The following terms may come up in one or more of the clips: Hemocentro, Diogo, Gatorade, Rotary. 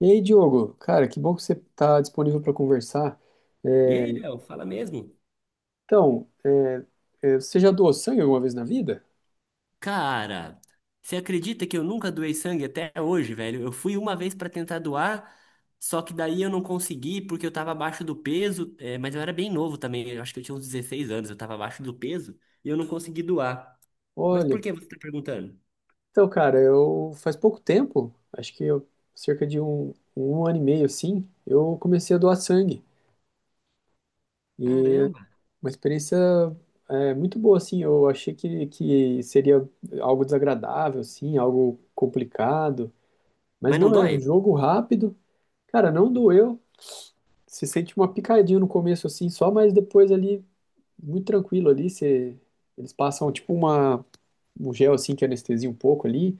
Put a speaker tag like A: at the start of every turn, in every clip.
A: E aí, Diogo, cara, que bom que você está disponível para conversar.
B: E
A: É,
B: aí, Léo, fala mesmo?
A: então, você já doou sangue alguma vez na vida?
B: Cara, você acredita que eu nunca doei sangue até hoje, velho? Eu fui uma vez pra tentar doar, só que daí eu não consegui porque eu tava abaixo do peso, é, mas eu era bem novo também, eu acho que eu tinha uns 16 anos, eu tava abaixo do peso e eu não consegui doar. Mas
A: Olha,
B: por que você tá perguntando?
A: então, cara, eu faz pouco tempo, acho que cerca de um ano e meio, assim, eu comecei a doar sangue. E é
B: Caramba!
A: uma experiência, muito boa, assim. Eu achei que seria algo desagradável, assim, algo complicado. Mas
B: Mas não
A: não, é um
B: dói?
A: jogo rápido. Cara, não doeu. Se sente uma picadinha no começo, assim, só, mas depois ali muito tranquilo ali. Eles passam tipo um gel assim que anestesia um pouco ali.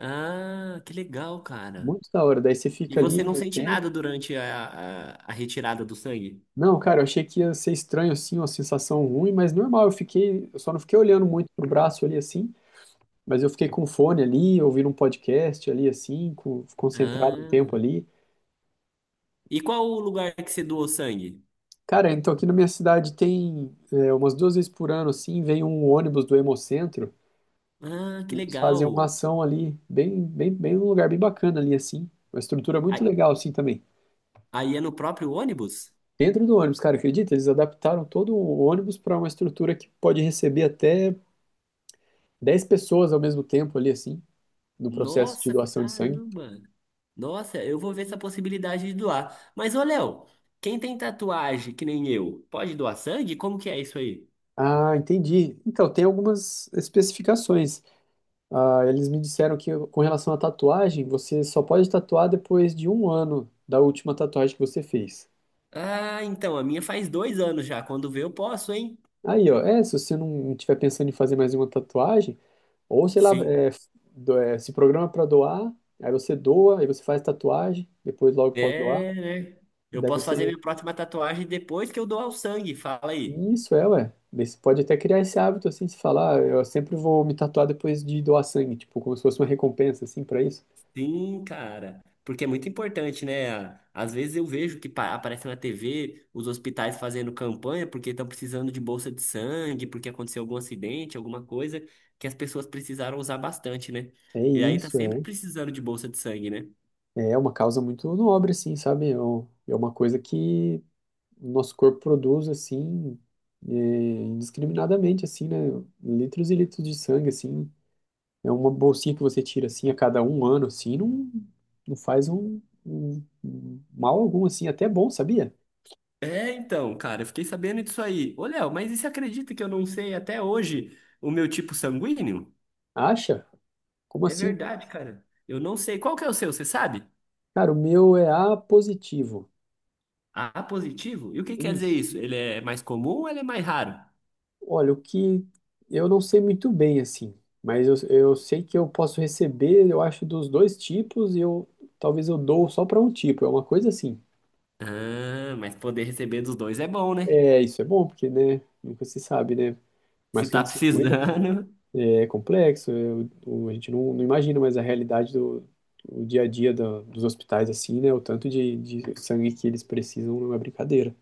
B: Ah, que legal, cara.
A: Muito da hora. Daí você
B: E
A: fica ali
B: você não
A: um
B: sente
A: tempo.
B: nada durante a retirada do sangue?
A: Não, cara, eu achei que ia ser estranho assim, uma sensação ruim, mas normal. Eu só não fiquei olhando muito pro braço ali assim, mas eu fiquei com o fone ali, ouvindo um podcast ali assim, concentrado um
B: Ah.
A: tempo ali.
B: E qual o lugar que você doou sangue?
A: Cara, então aqui na minha cidade tem, umas duas vezes por ano assim, vem um ônibus do Hemocentro.
B: Ah, que
A: Eles fazem uma
B: legal.
A: ação ali, bem, bem, bem num lugar bem bacana ali, assim. Uma estrutura muito
B: Aí
A: legal, assim, também.
B: aí é no próprio ônibus?
A: Dentro do ônibus, cara, acredita? Eles adaptaram todo o ônibus para uma estrutura que pode receber até 10 pessoas ao mesmo tempo ali, assim, no processo de
B: Nossa,
A: doação de sangue.
B: caramba! Nossa, eu vou ver essa possibilidade de doar. Mas, ô Léo, quem tem tatuagem que nem eu, pode doar sangue? Como que é isso aí?
A: Ah, entendi. Então, tem algumas especificações. Ah, eles me disseram que com relação à tatuagem, você só pode tatuar depois de um ano da última tatuagem que você fez.
B: Ah, então, a minha faz 2 anos já. Quando vê, eu posso, hein?
A: Aí, ó, se você não estiver pensando em fazer mais uma tatuagem, ou, sei lá,
B: Sim.
A: se programa para doar, aí você doa, aí você faz tatuagem, depois logo pode doar.
B: É, né? Eu
A: Daí
B: posso fazer
A: você.
B: minha próxima tatuagem depois que eu doar o sangue. Fala aí.
A: Isso é, ué. Daí você pode até criar esse hábito, assim, de falar, "Ah, eu sempre vou me tatuar depois de doar sangue, tipo, como se fosse uma recompensa, assim, para isso.
B: Sim, cara, porque é muito importante, né? Às vezes eu vejo que aparece na TV os hospitais fazendo campanha porque estão precisando de bolsa de sangue, porque aconteceu algum acidente, alguma coisa que as pessoas precisaram usar bastante, né?
A: É
B: E aí tá
A: isso,
B: sempre
A: é.
B: precisando de bolsa de sangue, né?
A: É uma causa muito nobre, assim, sabe? É uma coisa que o nosso corpo produz, assim, indiscriminadamente, assim, né? Litros e litros de sangue, assim. É uma bolsinha que você tira assim a cada um ano, assim, não faz um mal algum, assim, até bom, sabia?
B: É, então, cara, eu fiquei sabendo disso aí. Ô, Léo, mas e você acredita que eu não sei até hoje o meu tipo sanguíneo?
A: Acha? Como
B: É
A: assim?
B: verdade, cara. Eu não sei. Qual que é o seu, você sabe?
A: Cara, o meu é A positivo.
B: A positivo? E o que quer dizer
A: Isso.
B: isso? Ele é mais comum ou ele é mais raro?
A: Olha, o que eu não sei muito bem, assim, mas eu sei que eu posso receber, eu acho, dos dois tipos, e eu talvez eu dou só para um tipo, é uma coisa assim.
B: Ah, mas poder receber dos dois é bom, né?
A: É, isso é bom, porque, né, nunca se sabe, né?
B: Se
A: Mas que a
B: tá
A: gente se cuida.
B: precisando.
A: É complexo, a gente não imagina, mais a realidade do o dia a dia dos hospitais, assim, né? O tanto de sangue que eles precisam não é brincadeira.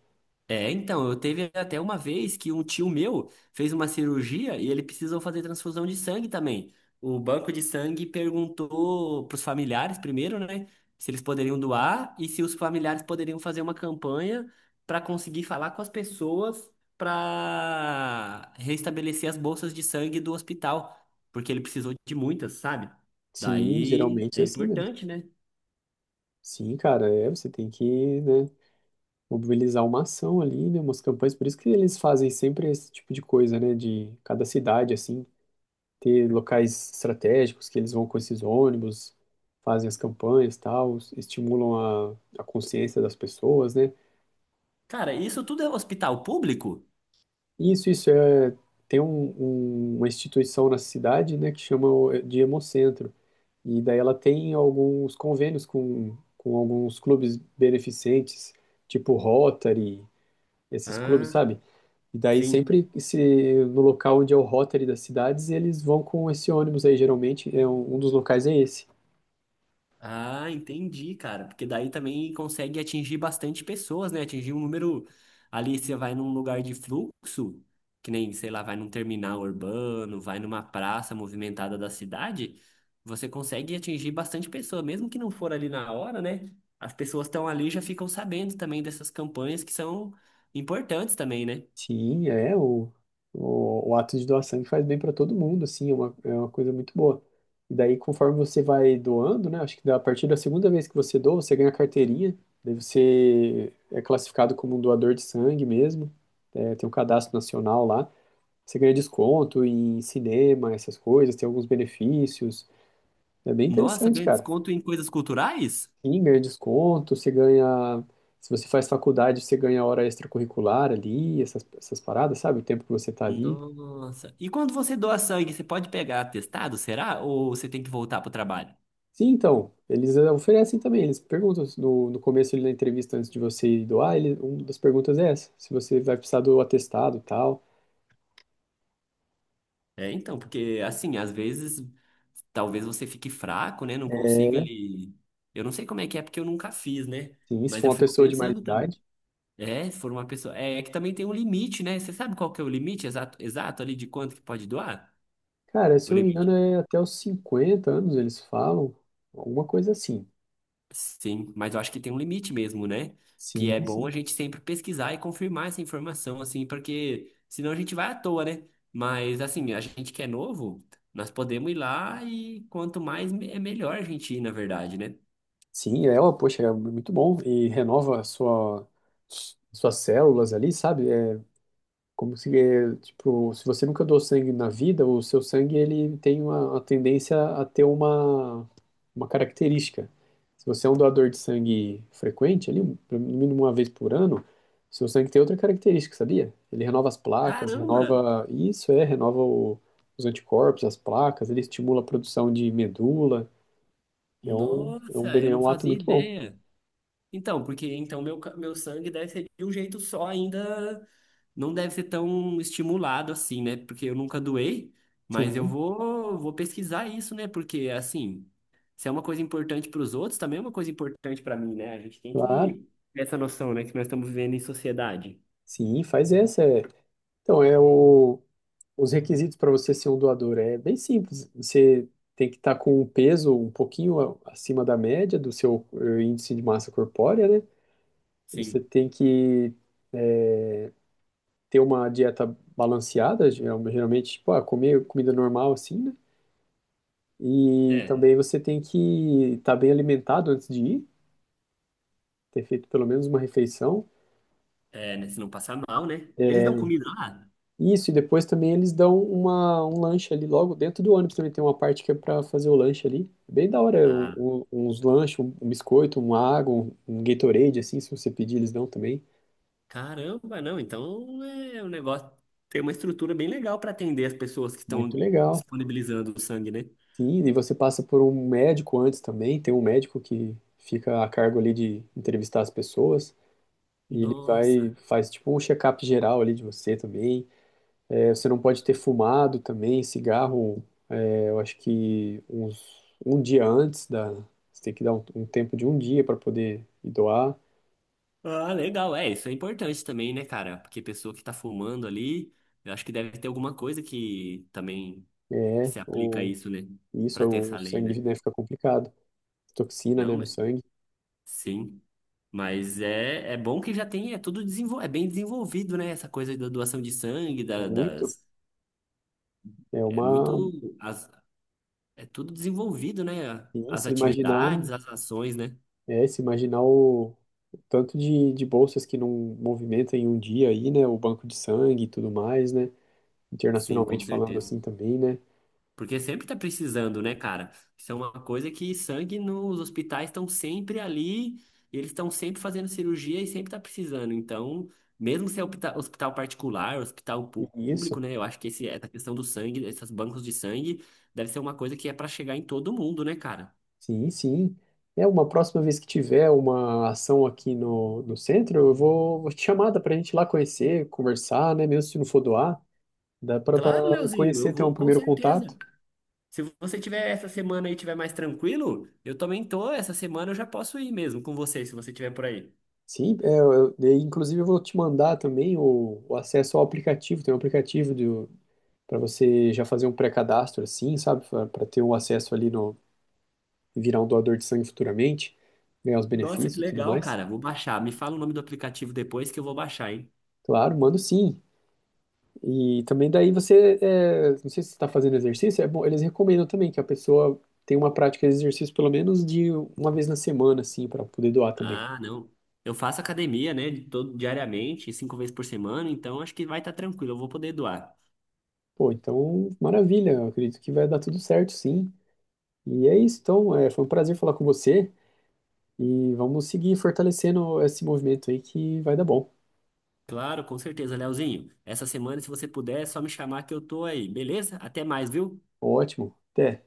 B: É, então, eu teve até uma vez que um tio meu fez uma cirurgia e ele precisou fazer transfusão de sangue também. O banco de sangue perguntou pros familiares primeiro, né, se eles poderiam doar e se os familiares poderiam fazer uma campanha para conseguir falar com as pessoas para restabelecer as bolsas de sangue do hospital, porque ele precisou de muitas, sabe?
A: Sim,
B: Daí
A: geralmente é
B: é
A: assim mesmo.
B: importante, né?
A: Sim, cara, você tem que, né, mobilizar uma ação ali, né, umas campanhas. Por isso que eles fazem sempre esse tipo de coisa, né, de cada cidade, assim, ter locais estratégicos que eles vão com esses ônibus, fazem as campanhas, tal, estimulam a consciência das pessoas, né.
B: Cara, isso tudo é hospital público?
A: Isso é. Tem uma instituição na cidade, né, que chama de Hemocentro. E daí ela tem alguns convênios com alguns clubes beneficentes, tipo Rotary, esses clubes,
B: Ah,
A: sabe? E daí
B: sim.
A: sempre se no local onde é o Rotary das cidades, eles vão com esse ônibus aí, geralmente, é um dos locais é esse.
B: Ah, entendi, cara. Porque daí também consegue atingir bastante pessoas, né? Atingir um número. Ali você vai num lugar de fluxo, que nem, sei lá, vai num terminal urbano, vai numa praça movimentada da cidade, você consegue atingir bastante pessoa, mesmo que não for ali na hora, né? As pessoas estão ali e já ficam sabendo também dessas campanhas que são importantes também, né?
A: Sim, o ato de doar sangue faz bem para todo mundo, assim, é uma coisa muito boa. E daí, conforme você vai doando, né, acho que a partir da segunda vez que você doa, você ganha a carteirinha, daí você é classificado como um doador de sangue mesmo, tem um cadastro nacional lá, você ganha desconto em cinema, essas coisas, tem alguns benefícios, é bem
B: Nossa,
A: interessante,
B: ganha
A: cara.
B: desconto em coisas culturais?
A: Sim, ganha desconto, você ganha... Se você faz faculdade, você ganha hora extracurricular ali, essas paradas, sabe? O tempo que você tá ali.
B: Nossa. E quando você doa sangue, você pode pegar atestado, será? Ou você tem que voltar pro trabalho?
A: Sim, então, eles oferecem também, eles perguntam se no começo ali na entrevista, antes de você ir doar, uma das perguntas é essa, se você vai precisar do atestado e tal.
B: É, então, porque assim, às vezes talvez você fique fraco, né? Não
A: É,
B: consiga
A: né?
B: ali. Eu não sei como é que é, porque eu nunca fiz, né?
A: Sim, se
B: Mas
A: for
B: eu
A: uma
B: fico
A: pessoa de mais
B: pensando também.
A: idade.
B: É, se for uma pessoa. É, é que também tem um limite, né? Você sabe qual que é o limite exato, exato ali de quanto que pode doar?
A: Cara, se
B: O
A: eu não me engano,
B: limite.
A: é até os 50 anos eles falam, alguma coisa assim.
B: Sim, mas eu acho que tem um limite mesmo, né? Que é
A: Sim,
B: bom
A: sim.
B: a gente sempre pesquisar e confirmar essa informação, assim, porque senão a gente vai à toa, né? Mas, assim, a gente que é novo, nós podemos ir lá e quanto mais é melhor a gente ir, na verdade, né?
A: Sim, ó, poxa, é muito bom, e renova suas células ali, sabe? Como se, tipo, se você nunca doou sangue na vida, o seu sangue ele tem uma tendência a ter uma característica. Se você é um doador de sangue frequente, ali, pelo mínimo uma vez por ano, seu sangue tem outra característica, sabia? Ele renova as placas,
B: Caramba!
A: renova isso, renova os anticorpos, as placas, ele estimula a produção de medula.
B: Nossa, eu
A: É
B: não
A: um ato
B: fazia
A: muito bom.
B: ideia. Então, porque então meu, meu sangue deve ser de um jeito só ainda não deve ser tão estimulado assim, né? Porque eu nunca doei, mas eu
A: Sim,
B: vou pesquisar isso, né? Porque, assim, se é uma coisa importante para os outros, também é uma coisa importante para mim, né? A gente tem
A: claro.
B: que ter essa noção, né? Que nós estamos vivendo em sociedade.
A: Sim, faz essa. É. Então, é o. Os requisitos para você ser um doador é bem simples. Você tem que estar com um peso um pouquinho acima da média do seu índice de massa corpórea, né? Você
B: Sim.
A: tem que ter uma dieta balanceada, geralmente, tipo, comer comida normal assim, né? E
B: É,
A: também você tem que estar bem alimentado antes de ir, ter feito pelo menos uma refeição.
B: é, né? Se não passar mal, né? Eles dão comida lá?
A: Isso, e depois também eles dão um lanche ali logo dentro do ônibus também. Tem uma parte que é pra fazer o lanche ali. É bem da hora,
B: Ah,
A: uns lanches, um biscoito, uma água, um Gatorade, assim, se você pedir, eles dão também.
B: caramba, não. Então é um negócio. Tem uma estrutura bem legal para atender as pessoas que
A: Muito
B: estão
A: legal.
B: disponibilizando o sangue, né?
A: Sim, e você passa por um médico antes também. Tem um médico que fica a cargo ali de entrevistar as pessoas. E
B: Nossa.
A: faz tipo um check-up geral ali de você também. É, você não pode ter fumado também, cigarro. Eu acho que um dia antes da. Você tem que dar um tempo de um dia para poder ir doar.
B: Ah, legal. É, isso é importante também, né, cara? Porque pessoa que tá fumando ali, eu acho que deve ter alguma coisa que também que
A: É,
B: se aplica a
A: o,
B: isso, né?
A: isso,
B: Pra ter
A: o
B: essa lei,
A: sangue,
B: né?
A: né, fica complicado. Toxina,
B: Não,
A: né, no
B: mas
A: sangue,
B: sim. Mas é bom que já tem, é bem desenvolvido, né? Essa coisa da doação de sangue, da-
A: muito.
B: das.
A: É
B: É
A: uma.
B: muito. É tudo desenvolvido, né?
A: E
B: As
A: se imaginar,
B: atividades, as ações, né?
A: Se imaginar o tanto de bolsas que não movimentam em um dia aí, né? O banco de sangue e tudo mais, né?
B: Sim, com
A: Internacionalmente falando
B: certeza.
A: assim também, né?
B: Porque sempre tá precisando, né, cara? Isso é uma coisa que sangue nos hospitais estão sempre ali, e eles estão sempre fazendo cirurgia e sempre tá precisando. Então, mesmo se é hospital particular, hospital pú-
A: E isso.
B: público, né? Eu acho que esse, essa questão do sangue, esses bancos de sangue, deve ser uma coisa que é para chegar em todo mundo, né, cara?
A: Sim, sim. É, uma próxima vez que tiver uma ação aqui no centro, vou te chamar, dá pra gente ir lá conhecer, conversar, né? Mesmo se não for doar, dá pra,
B: Claro,
A: pra
B: Leozinho, eu
A: conhecer, ter um
B: vou com
A: primeiro
B: certeza.
A: contato.
B: Se você tiver essa semana aí, tiver mais tranquilo, eu também tô. Essa semana eu já posso ir mesmo com você, se você tiver por aí.
A: Sim, e, inclusive eu vou te mandar também o acesso ao aplicativo, tem um aplicativo do, para você já fazer um pré-cadastro assim, sabe? Para ter um acesso ali no, virar um doador de sangue futuramente, ganhar os
B: Nossa, que
A: benefícios e tudo
B: legal,
A: mais.
B: cara. Vou baixar. Me fala o nome do aplicativo depois que eu vou baixar, hein?
A: Claro, mando sim. E também daí não sei se você está fazendo exercício, é bom, eles recomendam também que a pessoa tenha uma prática de exercício pelo menos de uma vez na semana, assim, para poder doar também.
B: Ah, não. Eu faço academia, né, de todo, diariamente, 5 vezes por semana, então acho que vai estar tranquilo, eu vou poder doar.
A: Pô, então, maravilha, eu acredito que vai dar tudo certo, sim. E é isso, então, foi um prazer falar com você e vamos seguir fortalecendo esse movimento aí que vai dar bom.
B: Claro, com certeza, Leozinho. Essa semana, se você puder, é só me chamar que eu tô aí, beleza? Até mais, viu?
A: Ótimo, até.